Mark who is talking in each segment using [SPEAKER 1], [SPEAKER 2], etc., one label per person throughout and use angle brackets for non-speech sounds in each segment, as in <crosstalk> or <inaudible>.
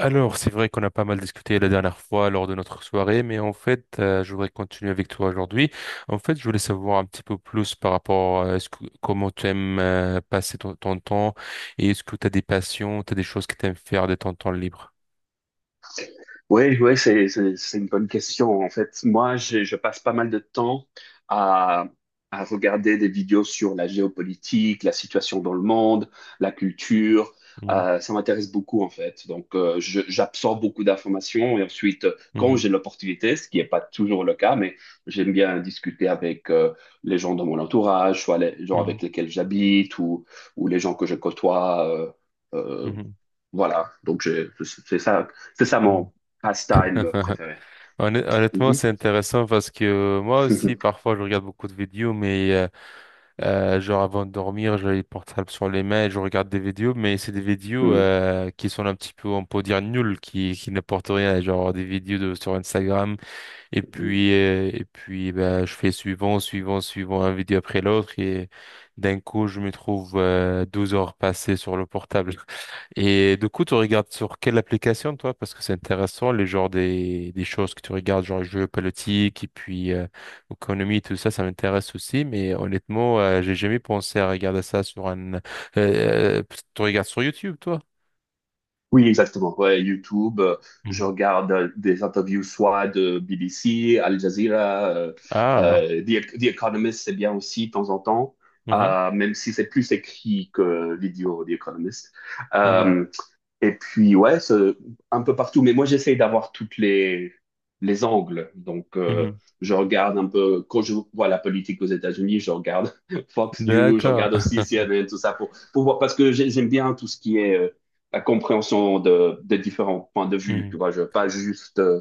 [SPEAKER 1] Alors, c'est vrai qu'on a pas mal discuté la dernière fois lors de notre soirée, mais en fait, je voudrais continuer avec toi aujourd'hui. En fait, je voulais savoir un petit peu plus par rapport à comment tu aimes passer ton temps et est-ce que tu as des passions, tu as des choses que tu aimes faire de ton temps libre.
[SPEAKER 2] Oui, ouais, c'est une bonne question. En fait, moi, je passe pas mal de temps à, à regarder des vidéos sur la géopolitique, la situation dans le monde, la culture.
[SPEAKER 1] Mhm,
[SPEAKER 2] Ça m'intéresse beaucoup, en fait. Donc, j'absorbe beaucoup d'informations et ensuite, quand
[SPEAKER 1] mhm,
[SPEAKER 2] j'ai l'opportunité, ce qui n'est pas toujours le cas, mais j'aime bien discuter avec les gens de mon entourage, soit les gens
[SPEAKER 1] mhm,
[SPEAKER 2] avec lesquels j'habite ou les gens que je côtoie. Euh,
[SPEAKER 1] mhm,
[SPEAKER 2] voilà, donc c'est ça
[SPEAKER 1] mhm.
[SPEAKER 2] mon pastime
[SPEAKER 1] <laughs>
[SPEAKER 2] préféré.
[SPEAKER 1] Honnêtement,
[SPEAKER 2] Mhm.
[SPEAKER 1] c'est intéressant parce que moi aussi,
[SPEAKER 2] <laughs>
[SPEAKER 1] parfois, je regarde beaucoup de vidéos, mais genre avant de dormir, j'ai les portables sur les mains et je regarde des vidéos, mais c'est des vidéos
[SPEAKER 2] Mhm.
[SPEAKER 1] qui sont un petit peu, on peut dire, nulles, qui n'apportent rien. Genre des vidéos sur Instagram et
[SPEAKER 2] Mhm.
[SPEAKER 1] puis, bah, je fais suivant, suivant, suivant, un vidéo après l'autre. Et d'un coup, je me trouve 12 heures passées sur le portable. <laughs> Et du coup, tu regardes sur quelle application, toi? Parce que c'est intéressant, les genres des choses que tu regardes, genre jeux politiques et puis économie, tout ça, ça m'intéresse aussi. Mais honnêtement, j'ai jamais pensé à regarder ça. Sur un... euh, euh, tu regardes sur YouTube, toi?
[SPEAKER 2] Oui, exactement. Ouais, YouTube, je
[SPEAKER 1] Mhm.
[SPEAKER 2] regarde des interviews soit de BBC, Al Jazeera,
[SPEAKER 1] Ah.
[SPEAKER 2] The Economist, c'est bien aussi de temps en temps,
[SPEAKER 1] Mhm.
[SPEAKER 2] même si c'est plus écrit que vidéo, The Economist.
[SPEAKER 1] Mhm.
[SPEAKER 2] Euh, Et puis, ouais, un peu partout. Mais moi, j'essaye d'avoir toutes les angles. Donc,
[SPEAKER 1] Mhm.
[SPEAKER 2] je regarde un peu, quand je vois la politique aux États-Unis, je regarde <laughs> Fox News, je
[SPEAKER 1] D'accord.
[SPEAKER 2] regarde
[SPEAKER 1] <laughs>
[SPEAKER 2] aussi CNN, tout ça, pour voir, parce que j'aime bien tout ce qui est la compréhension de différents points de vue. Tu
[SPEAKER 1] Mhm.
[SPEAKER 2] vois, je veux pas juste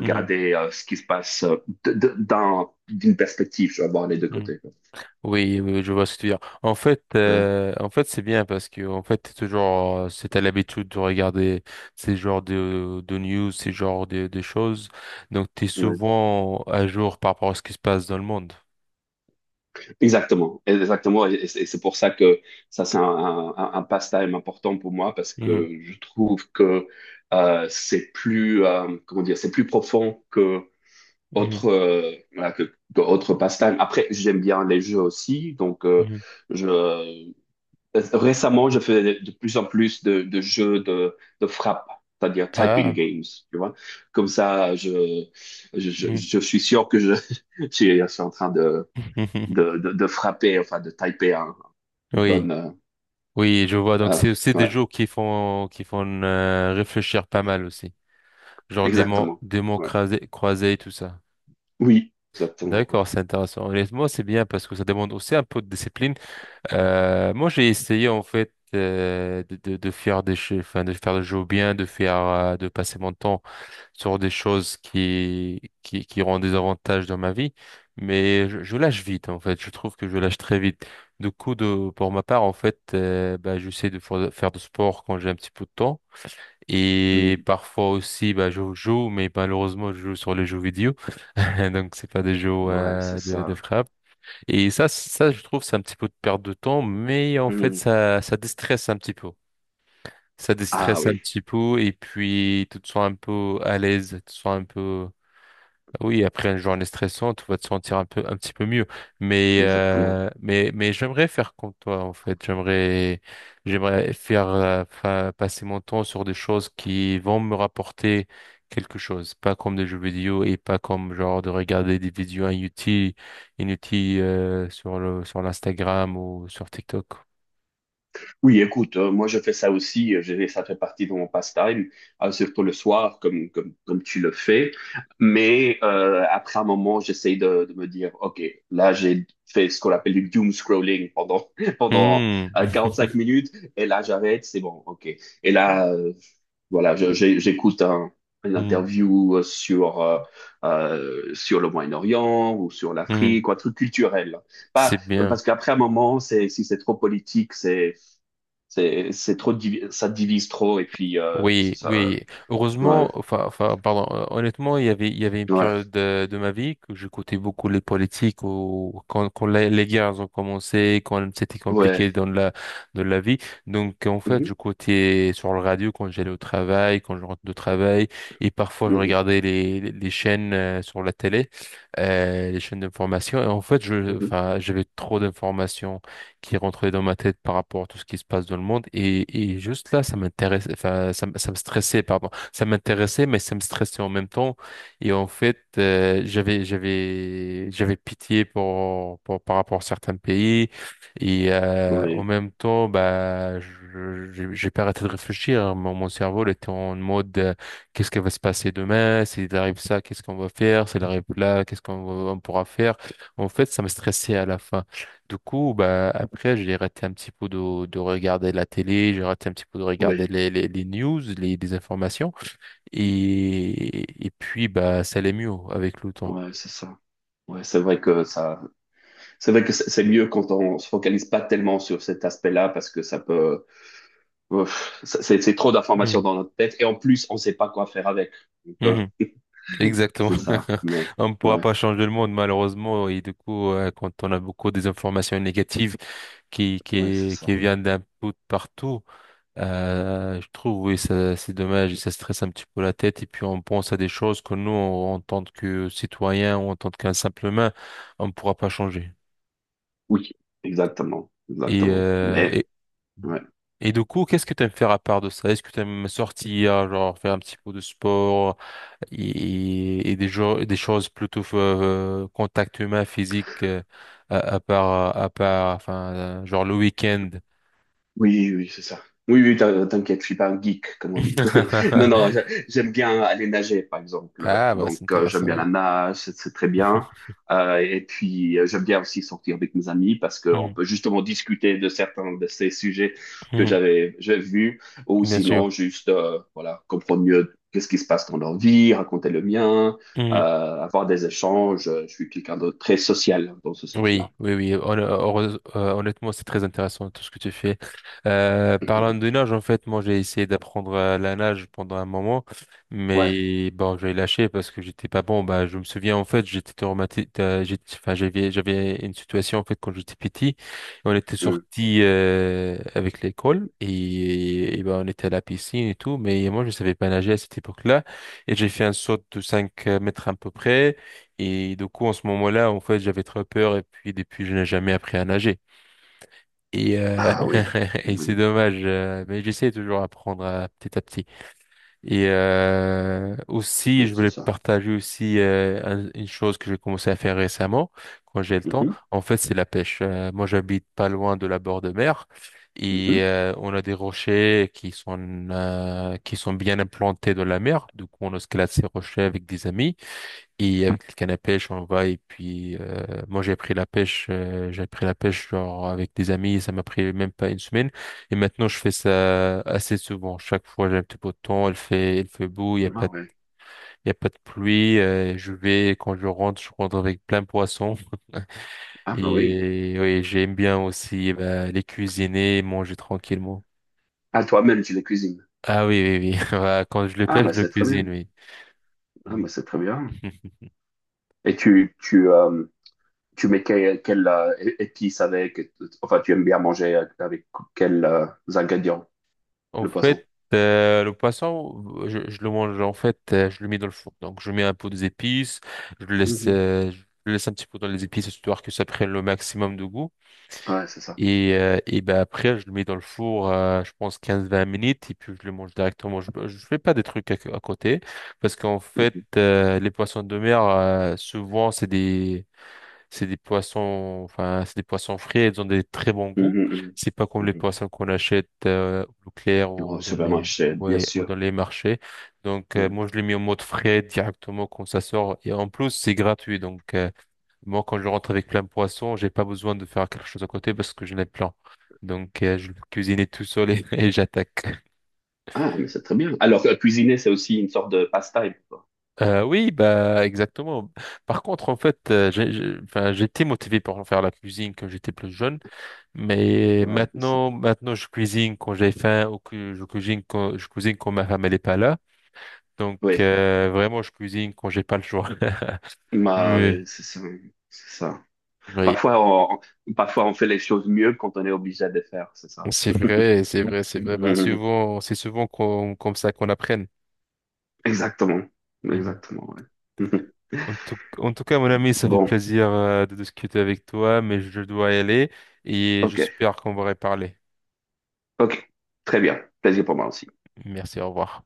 [SPEAKER 1] Mhm.
[SPEAKER 2] ce qui se passe dans, d'une perspective. Je veux avoir les deux
[SPEAKER 1] Hmm.
[SPEAKER 2] côtés, quoi.
[SPEAKER 1] Oui, oui, je vois ce que tu veux dire. En fait,
[SPEAKER 2] Ouais.
[SPEAKER 1] euh, en fait, c'est bien parce que en fait, t'es toujours, si t'as l'habitude de regarder ces genres de news, ces genres de choses, donc t'es
[SPEAKER 2] Ouais.
[SPEAKER 1] souvent à jour par rapport à ce qui se passe dans le monde.
[SPEAKER 2] Exactement, exactement, et c'est c'est pour ça que ça c'est un pastime important pour moi parce
[SPEAKER 1] Mhm,
[SPEAKER 2] que je trouve que c'est plus comment dire, c'est plus profond que
[SPEAKER 1] mhm,
[SPEAKER 2] autre voilà, que autre pastime. Après, j'aime bien les jeux aussi, donc
[SPEAKER 1] mhm.
[SPEAKER 2] je récemment je fais de plus en plus de jeux de frappe, c'est-à-dire typing
[SPEAKER 1] Ah.
[SPEAKER 2] games, tu vois. Comme ça, je je, je
[SPEAKER 1] Mhm.
[SPEAKER 2] je suis sûr que je <laughs> je suis en train de
[SPEAKER 1] <laughs>
[SPEAKER 2] de frapper, enfin de taper un
[SPEAKER 1] Oui,
[SPEAKER 2] bon.
[SPEAKER 1] oui, je vois. Donc
[SPEAKER 2] Euh,
[SPEAKER 1] c'est aussi des
[SPEAKER 2] ouais,
[SPEAKER 1] jeux qui font réfléchir pas mal aussi. Genre des mots,
[SPEAKER 2] exactement.
[SPEAKER 1] des mots
[SPEAKER 2] Ouais.
[SPEAKER 1] croisés et tout ça.
[SPEAKER 2] Oui, exactement. Ouais.
[SPEAKER 1] D'accord, c'est intéressant. Honnêtement, c'est bien parce que ça demande aussi un peu de discipline. Moi, j'ai essayé en fait de faire des jeux, enfin, de faire des jeux bien, de passer mon temps sur des choses qui auront des avantages dans ma vie, mais je lâche vite en fait. Je trouve que je lâche très vite. Du coup, pour ma part, en fait, bah, j'essaie de faire du sport quand j'ai un petit peu de temps. Et
[SPEAKER 2] Mm.
[SPEAKER 1] parfois aussi, bah, je joue, mais malheureusement, je joue sur les jeux vidéo. <laughs> Donc, c'est pas des jeux
[SPEAKER 2] Ouais, c'est
[SPEAKER 1] de
[SPEAKER 2] ça.
[SPEAKER 1] frappe. Et ça, ça, je trouve, c'est un petit peu de perte de temps, mais en fait,
[SPEAKER 2] Mm.
[SPEAKER 1] ça déstresse un petit peu. Ça
[SPEAKER 2] Ah
[SPEAKER 1] déstresse un
[SPEAKER 2] oui,
[SPEAKER 1] petit peu, et puis tu te sens un peu à l'aise, tu te sens un peu, oui, après une journée stressante, tu vas te sentir un peu, un petit peu mieux. Mais,
[SPEAKER 2] exactement.
[SPEAKER 1] euh, mais, mais j'aimerais faire comme toi, en fait. J'aimerais passer mon temps sur des choses qui vont me rapporter quelque chose. Pas comme des jeux vidéo et pas comme genre de regarder des vidéos inutiles, sur l'Instagram ou sur TikTok.
[SPEAKER 2] Oui, écoute, moi je fais ça aussi. Ça fait partie de mon pastime, surtout le soir, comme tu le fais. Mais après un moment, j'essaye de me dire, OK, là j'ai fait ce qu'on appelle du doom scrolling pendant, <laughs> pendant
[SPEAKER 1] Hmm.
[SPEAKER 2] cinq
[SPEAKER 1] <laughs>
[SPEAKER 2] minutes, et là j'arrête, c'est bon, OK. Et là, euh, Voilà, j'écoute un, une
[SPEAKER 1] Hmm.
[SPEAKER 2] interview sur le Moyen-Orient ou sur
[SPEAKER 1] Hmm.
[SPEAKER 2] l'Afrique, ou un truc culturel. Pas,
[SPEAKER 1] C'est bien.
[SPEAKER 2] Parce qu'après un moment, c'est, si c'est trop politique, c'est trop, ça divise trop, et puis,
[SPEAKER 1] Oui,
[SPEAKER 2] ça,
[SPEAKER 1] oui.
[SPEAKER 2] ouais,
[SPEAKER 1] Heureusement, enfin, pardon, honnêtement, il y avait une période
[SPEAKER 2] ouais,
[SPEAKER 1] de ma vie que j'écoutais beaucoup les politiques ou quand les guerres ont commencé, quand c'était
[SPEAKER 2] ouais.
[SPEAKER 1] compliqué dans la vie. Donc, en fait,
[SPEAKER 2] Mhm,
[SPEAKER 1] j'écoutais sur le radio quand j'allais au travail, quand je rentre de travail, et parfois je
[SPEAKER 2] mhm,
[SPEAKER 1] regardais les chaînes sur la télé, les chaînes d'information. Et en fait,
[SPEAKER 2] mhm.
[SPEAKER 1] enfin, j'avais trop d'informations qui rentrait dans ma tête par rapport à tout ce qui se passe dans le monde. Et juste là, ça m'intéressait, enfin, ça me stressait, pardon. Ça m'intéressait, mais ça me stressait en même temps. Et en fait, j'avais pitié par rapport à certains pays. Et en
[SPEAKER 2] Oui,
[SPEAKER 1] même temps, bah, j'ai pas arrêté de réfléchir. Hein. Mon cerveau il était en mode, qu'est-ce qui va se passer demain? S'il arrive ça, qu'est-ce qu'on va faire? S'il arrive là, qu'est-ce on pourra faire? En fait, ça me stressait à la fin. Du coup, bah, après, j'ai raté un petit peu de regarder la télé, j'ai raté un petit peu de regarder
[SPEAKER 2] oui,
[SPEAKER 1] les news, les informations. Et puis, bah, ça allait mieux avec le temps.
[SPEAKER 2] ouais, c'est ça. Ouais, c'est vrai que ça, c'est vrai que c'est mieux quand on se focalise pas tellement sur cet aspect-là parce que ça peut, ouf, ça- c'est trop d'informations
[SPEAKER 1] Mhm.
[SPEAKER 2] dans notre tête et en plus, on sait pas quoi faire avec. Donc,
[SPEAKER 1] Mhm. Exactement.
[SPEAKER 2] c'est ça.
[SPEAKER 1] <laughs>
[SPEAKER 2] Mais
[SPEAKER 1] On ne pourra
[SPEAKER 2] ouais,
[SPEAKER 1] pas changer le monde, malheureusement. Et du coup, quand on a beaucoup des informations négatives qui,
[SPEAKER 2] ouais, c'est
[SPEAKER 1] qui, qui
[SPEAKER 2] ça.
[SPEAKER 1] viennent d'un peu de partout, je trouve, oui, ça, c'est dommage, et ça stresse un petit peu la tête, et puis on pense à des choses que nous, en tant que citoyens, ou en tant qu'un simple humain, on ne pourra pas changer.
[SPEAKER 2] Oui, exactement,
[SPEAKER 1] Et,
[SPEAKER 2] exactement.
[SPEAKER 1] euh,
[SPEAKER 2] Mais
[SPEAKER 1] et,
[SPEAKER 2] ouais.
[SPEAKER 1] et du coup, qu'est-ce que tu aimes faire à part de ça? Est-ce que tu aimes sortir, genre faire un petit peu de sport et des choses plutôt contact humain, physique, à part, enfin, genre le week-end?
[SPEAKER 2] Oui, oui, c'est ça. Oui, oui, t'inquiète, je suis pas un geek, comme on dit. <laughs> Non, non,
[SPEAKER 1] <laughs>
[SPEAKER 2] j'aime bien aller nager, par exemple.
[SPEAKER 1] Ah, bah,
[SPEAKER 2] Donc,
[SPEAKER 1] c'est
[SPEAKER 2] j'aime
[SPEAKER 1] intéressant.
[SPEAKER 2] bien
[SPEAKER 1] Ouais.
[SPEAKER 2] la nage, c'est très bien.
[SPEAKER 1] <laughs>
[SPEAKER 2] Et puis, j'aime bien aussi sortir avec mes amis parce qu'on
[SPEAKER 1] Hmm,
[SPEAKER 2] peut justement discuter de certains de ces sujets que
[SPEAKER 1] hmm.
[SPEAKER 2] j'avais j'ai vus, ou
[SPEAKER 1] Bien
[SPEAKER 2] sinon
[SPEAKER 1] sûr.
[SPEAKER 2] juste, voilà, comprendre mieux qu'est-ce qui se passe dans leur vie, raconter le mien,
[SPEAKER 1] Mhm.
[SPEAKER 2] euh, avoir des échanges. Je suis quelqu'un de très social dans ce sens-là.
[SPEAKER 1] Oui, oui, oui. Honnêtement, c'est très intéressant tout ce que tu fais. Parlant de nage, en fait, moi, j'ai essayé d'apprendre la nage pendant un moment,
[SPEAKER 2] Ouais.
[SPEAKER 1] mais bon, j'ai lâché parce que j'étais pas bon. Bah, je me souviens, en fait, j'étais traumatisé. Enfin, j'avais une situation, en fait, quand j'étais petit. On était
[SPEAKER 2] Mm.
[SPEAKER 1] sorti avec l'école et ben, on était à la piscine et tout, mais moi, je savais pas nager à cette époque-là. Et j'ai fait un saut de 5 mètres à peu près. Et du coup, en ce moment-là, en fait, j'avais très peur et puis depuis, je n'ai jamais appris à nager. Et, euh,
[SPEAKER 2] Ah oui,
[SPEAKER 1] <laughs> et c'est
[SPEAKER 2] oui,
[SPEAKER 1] dommage, mais j'essaie toujours d'apprendre petit à petit. Et aussi,
[SPEAKER 2] oui,
[SPEAKER 1] je
[SPEAKER 2] c'est
[SPEAKER 1] voulais
[SPEAKER 2] ça.
[SPEAKER 1] partager aussi une chose que j'ai commencé à faire récemment, quand j'ai le temps.
[SPEAKER 2] Mhm.
[SPEAKER 1] En fait, c'est la pêche. Moi, j'habite pas loin de la bord de mer
[SPEAKER 2] Mhm.
[SPEAKER 1] et on a des rochers qui sont qui sont bien implantés dans la mer. Du coup, on escalade ces rochers avec des amis. Et avec le canne à pêche, on va et puis moi j'ai appris la pêche, j'ai appris la pêche genre avec des amis, ça m'a pris même pas une semaine. Et maintenant je fais ça assez souvent. Chaque fois j'ai un petit peu de temps, il fait beau,
[SPEAKER 2] Ah ouais.
[SPEAKER 1] il y a pas de pluie. Je vais quand je rentre avec plein de poissons.
[SPEAKER 2] Ah bah oui.
[SPEAKER 1] Et oui, j'aime bien aussi bah, les cuisiner, manger tranquillement.
[SPEAKER 2] Ah toi-même tu les cuisines.
[SPEAKER 1] Ah oui, oui, oui. <laughs> Bah, quand je le
[SPEAKER 2] Ah
[SPEAKER 1] pêche,
[SPEAKER 2] bah
[SPEAKER 1] je le
[SPEAKER 2] c'est très
[SPEAKER 1] cuisine,
[SPEAKER 2] bien.
[SPEAKER 1] oui.
[SPEAKER 2] Ah
[SPEAKER 1] Mm.
[SPEAKER 2] bah c'est très bien.
[SPEAKER 1] <laughs>
[SPEAKER 2] Et tu mets quel épice avec enfin tu aimes bien manger avec quels ingrédients
[SPEAKER 1] En
[SPEAKER 2] le poisson.
[SPEAKER 1] fait, le poisson, je le mange, en fait, je le mets dans le four. Donc, je mets un peu des épices,
[SPEAKER 2] Mhm.
[SPEAKER 1] je le laisse un petit peu dans les épices, histoire que ça prenne le maximum de goût.
[SPEAKER 2] Ouais c'est ça.
[SPEAKER 1] Et ben après, je le mets dans le four, je pense 15 20 minutes, et puis je le mange directement. Je fais pas des trucs à côté, parce qu'en fait,
[SPEAKER 2] Mhm.
[SPEAKER 1] les poissons de mer, souvent, c'est des poissons frais, ils ont des très bons goûts.
[SPEAKER 2] Mhm, mhm.
[SPEAKER 1] C'est pas comme les
[SPEAKER 2] Mhm.
[SPEAKER 1] poissons qu'on achète au clair
[SPEAKER 2] Au
[SPEAKER 1] ou
[SPEAKER 2] supermarché bien
[SPEAKER 1] ouais, ou
[SPEAKER 2] sûr.
[SPEAKER 1] dans les marchés. Donc,
[SPEAKER 2] Ouais.
[SPEAKER 1] moi, je l'ai mis en mode frais directement quand ça sort. Et en plus, c'est gratuit. Donc, moi, quand je rentre avec plein de poissons, j'ai pas besoin de faire quelque chose à côté parce que je l'ai plein. Donc, je le cuisine <laughs> tout seul et, <laughs> et j'attaque.
[SPEAKER 2] Ah mais c'est très bien. Alors cuisiner c'est aussi une sorte de pastime, quoi.
[SPEAKER 1] Oui, bah, exactement. Par contre, en fait, enfin, j'étais motivé pour faire la cuisine quand j'étais plus jeune. Mais
[SPEAKER 2] Ouais c'est ça.
[SPEAKER 1] maintenant, je cuisine quand j'ai faim ou que je cuisine quand ma femme elle est pas là. Donc,
[SPEAKER 2] Oui.
[SPEAKER 1] vraiment, je cuisine quand j'ai pas le choix. <laughs>
[SPEAKER 2] Bah
[SPEAKER 1] Mais,
[SPEAKER 2] ouais, c'est ça. C'est ça.
[SPEAKER 1] oui,
[SPEAKER 2] Parfois, parfois, on fait les choses mieux quand on est obligé de les faire, c'est ça.
[SPEAKER 1] c'est vrai, c'est vrai, c'est vrai. Bah,
[SPEAKER 2] <laughs>
[SPEAKER 1] souvent, comme ça qu'on apprenne.
[SPEAKER 2] Exactement.
[SPEAKER 1] Mhm.
[SPEAKER 2] Exactement, ouais. <laughs>
[SPEAKER 1] En tout cas, mon ami, ça fait
[SPEAKER 2] Bon,
[SPEAKER 1] plaisir, de discuter avec toi, mais je dois y aller et
[SPEAKER 2] ok.
[SPEAKER 1] j'espère qu'on va reparler.
[SPEAKER 2] Ok. Très bien. Plaisir pour moi aussi.
[SPEAKER 1] Merci, au revoir.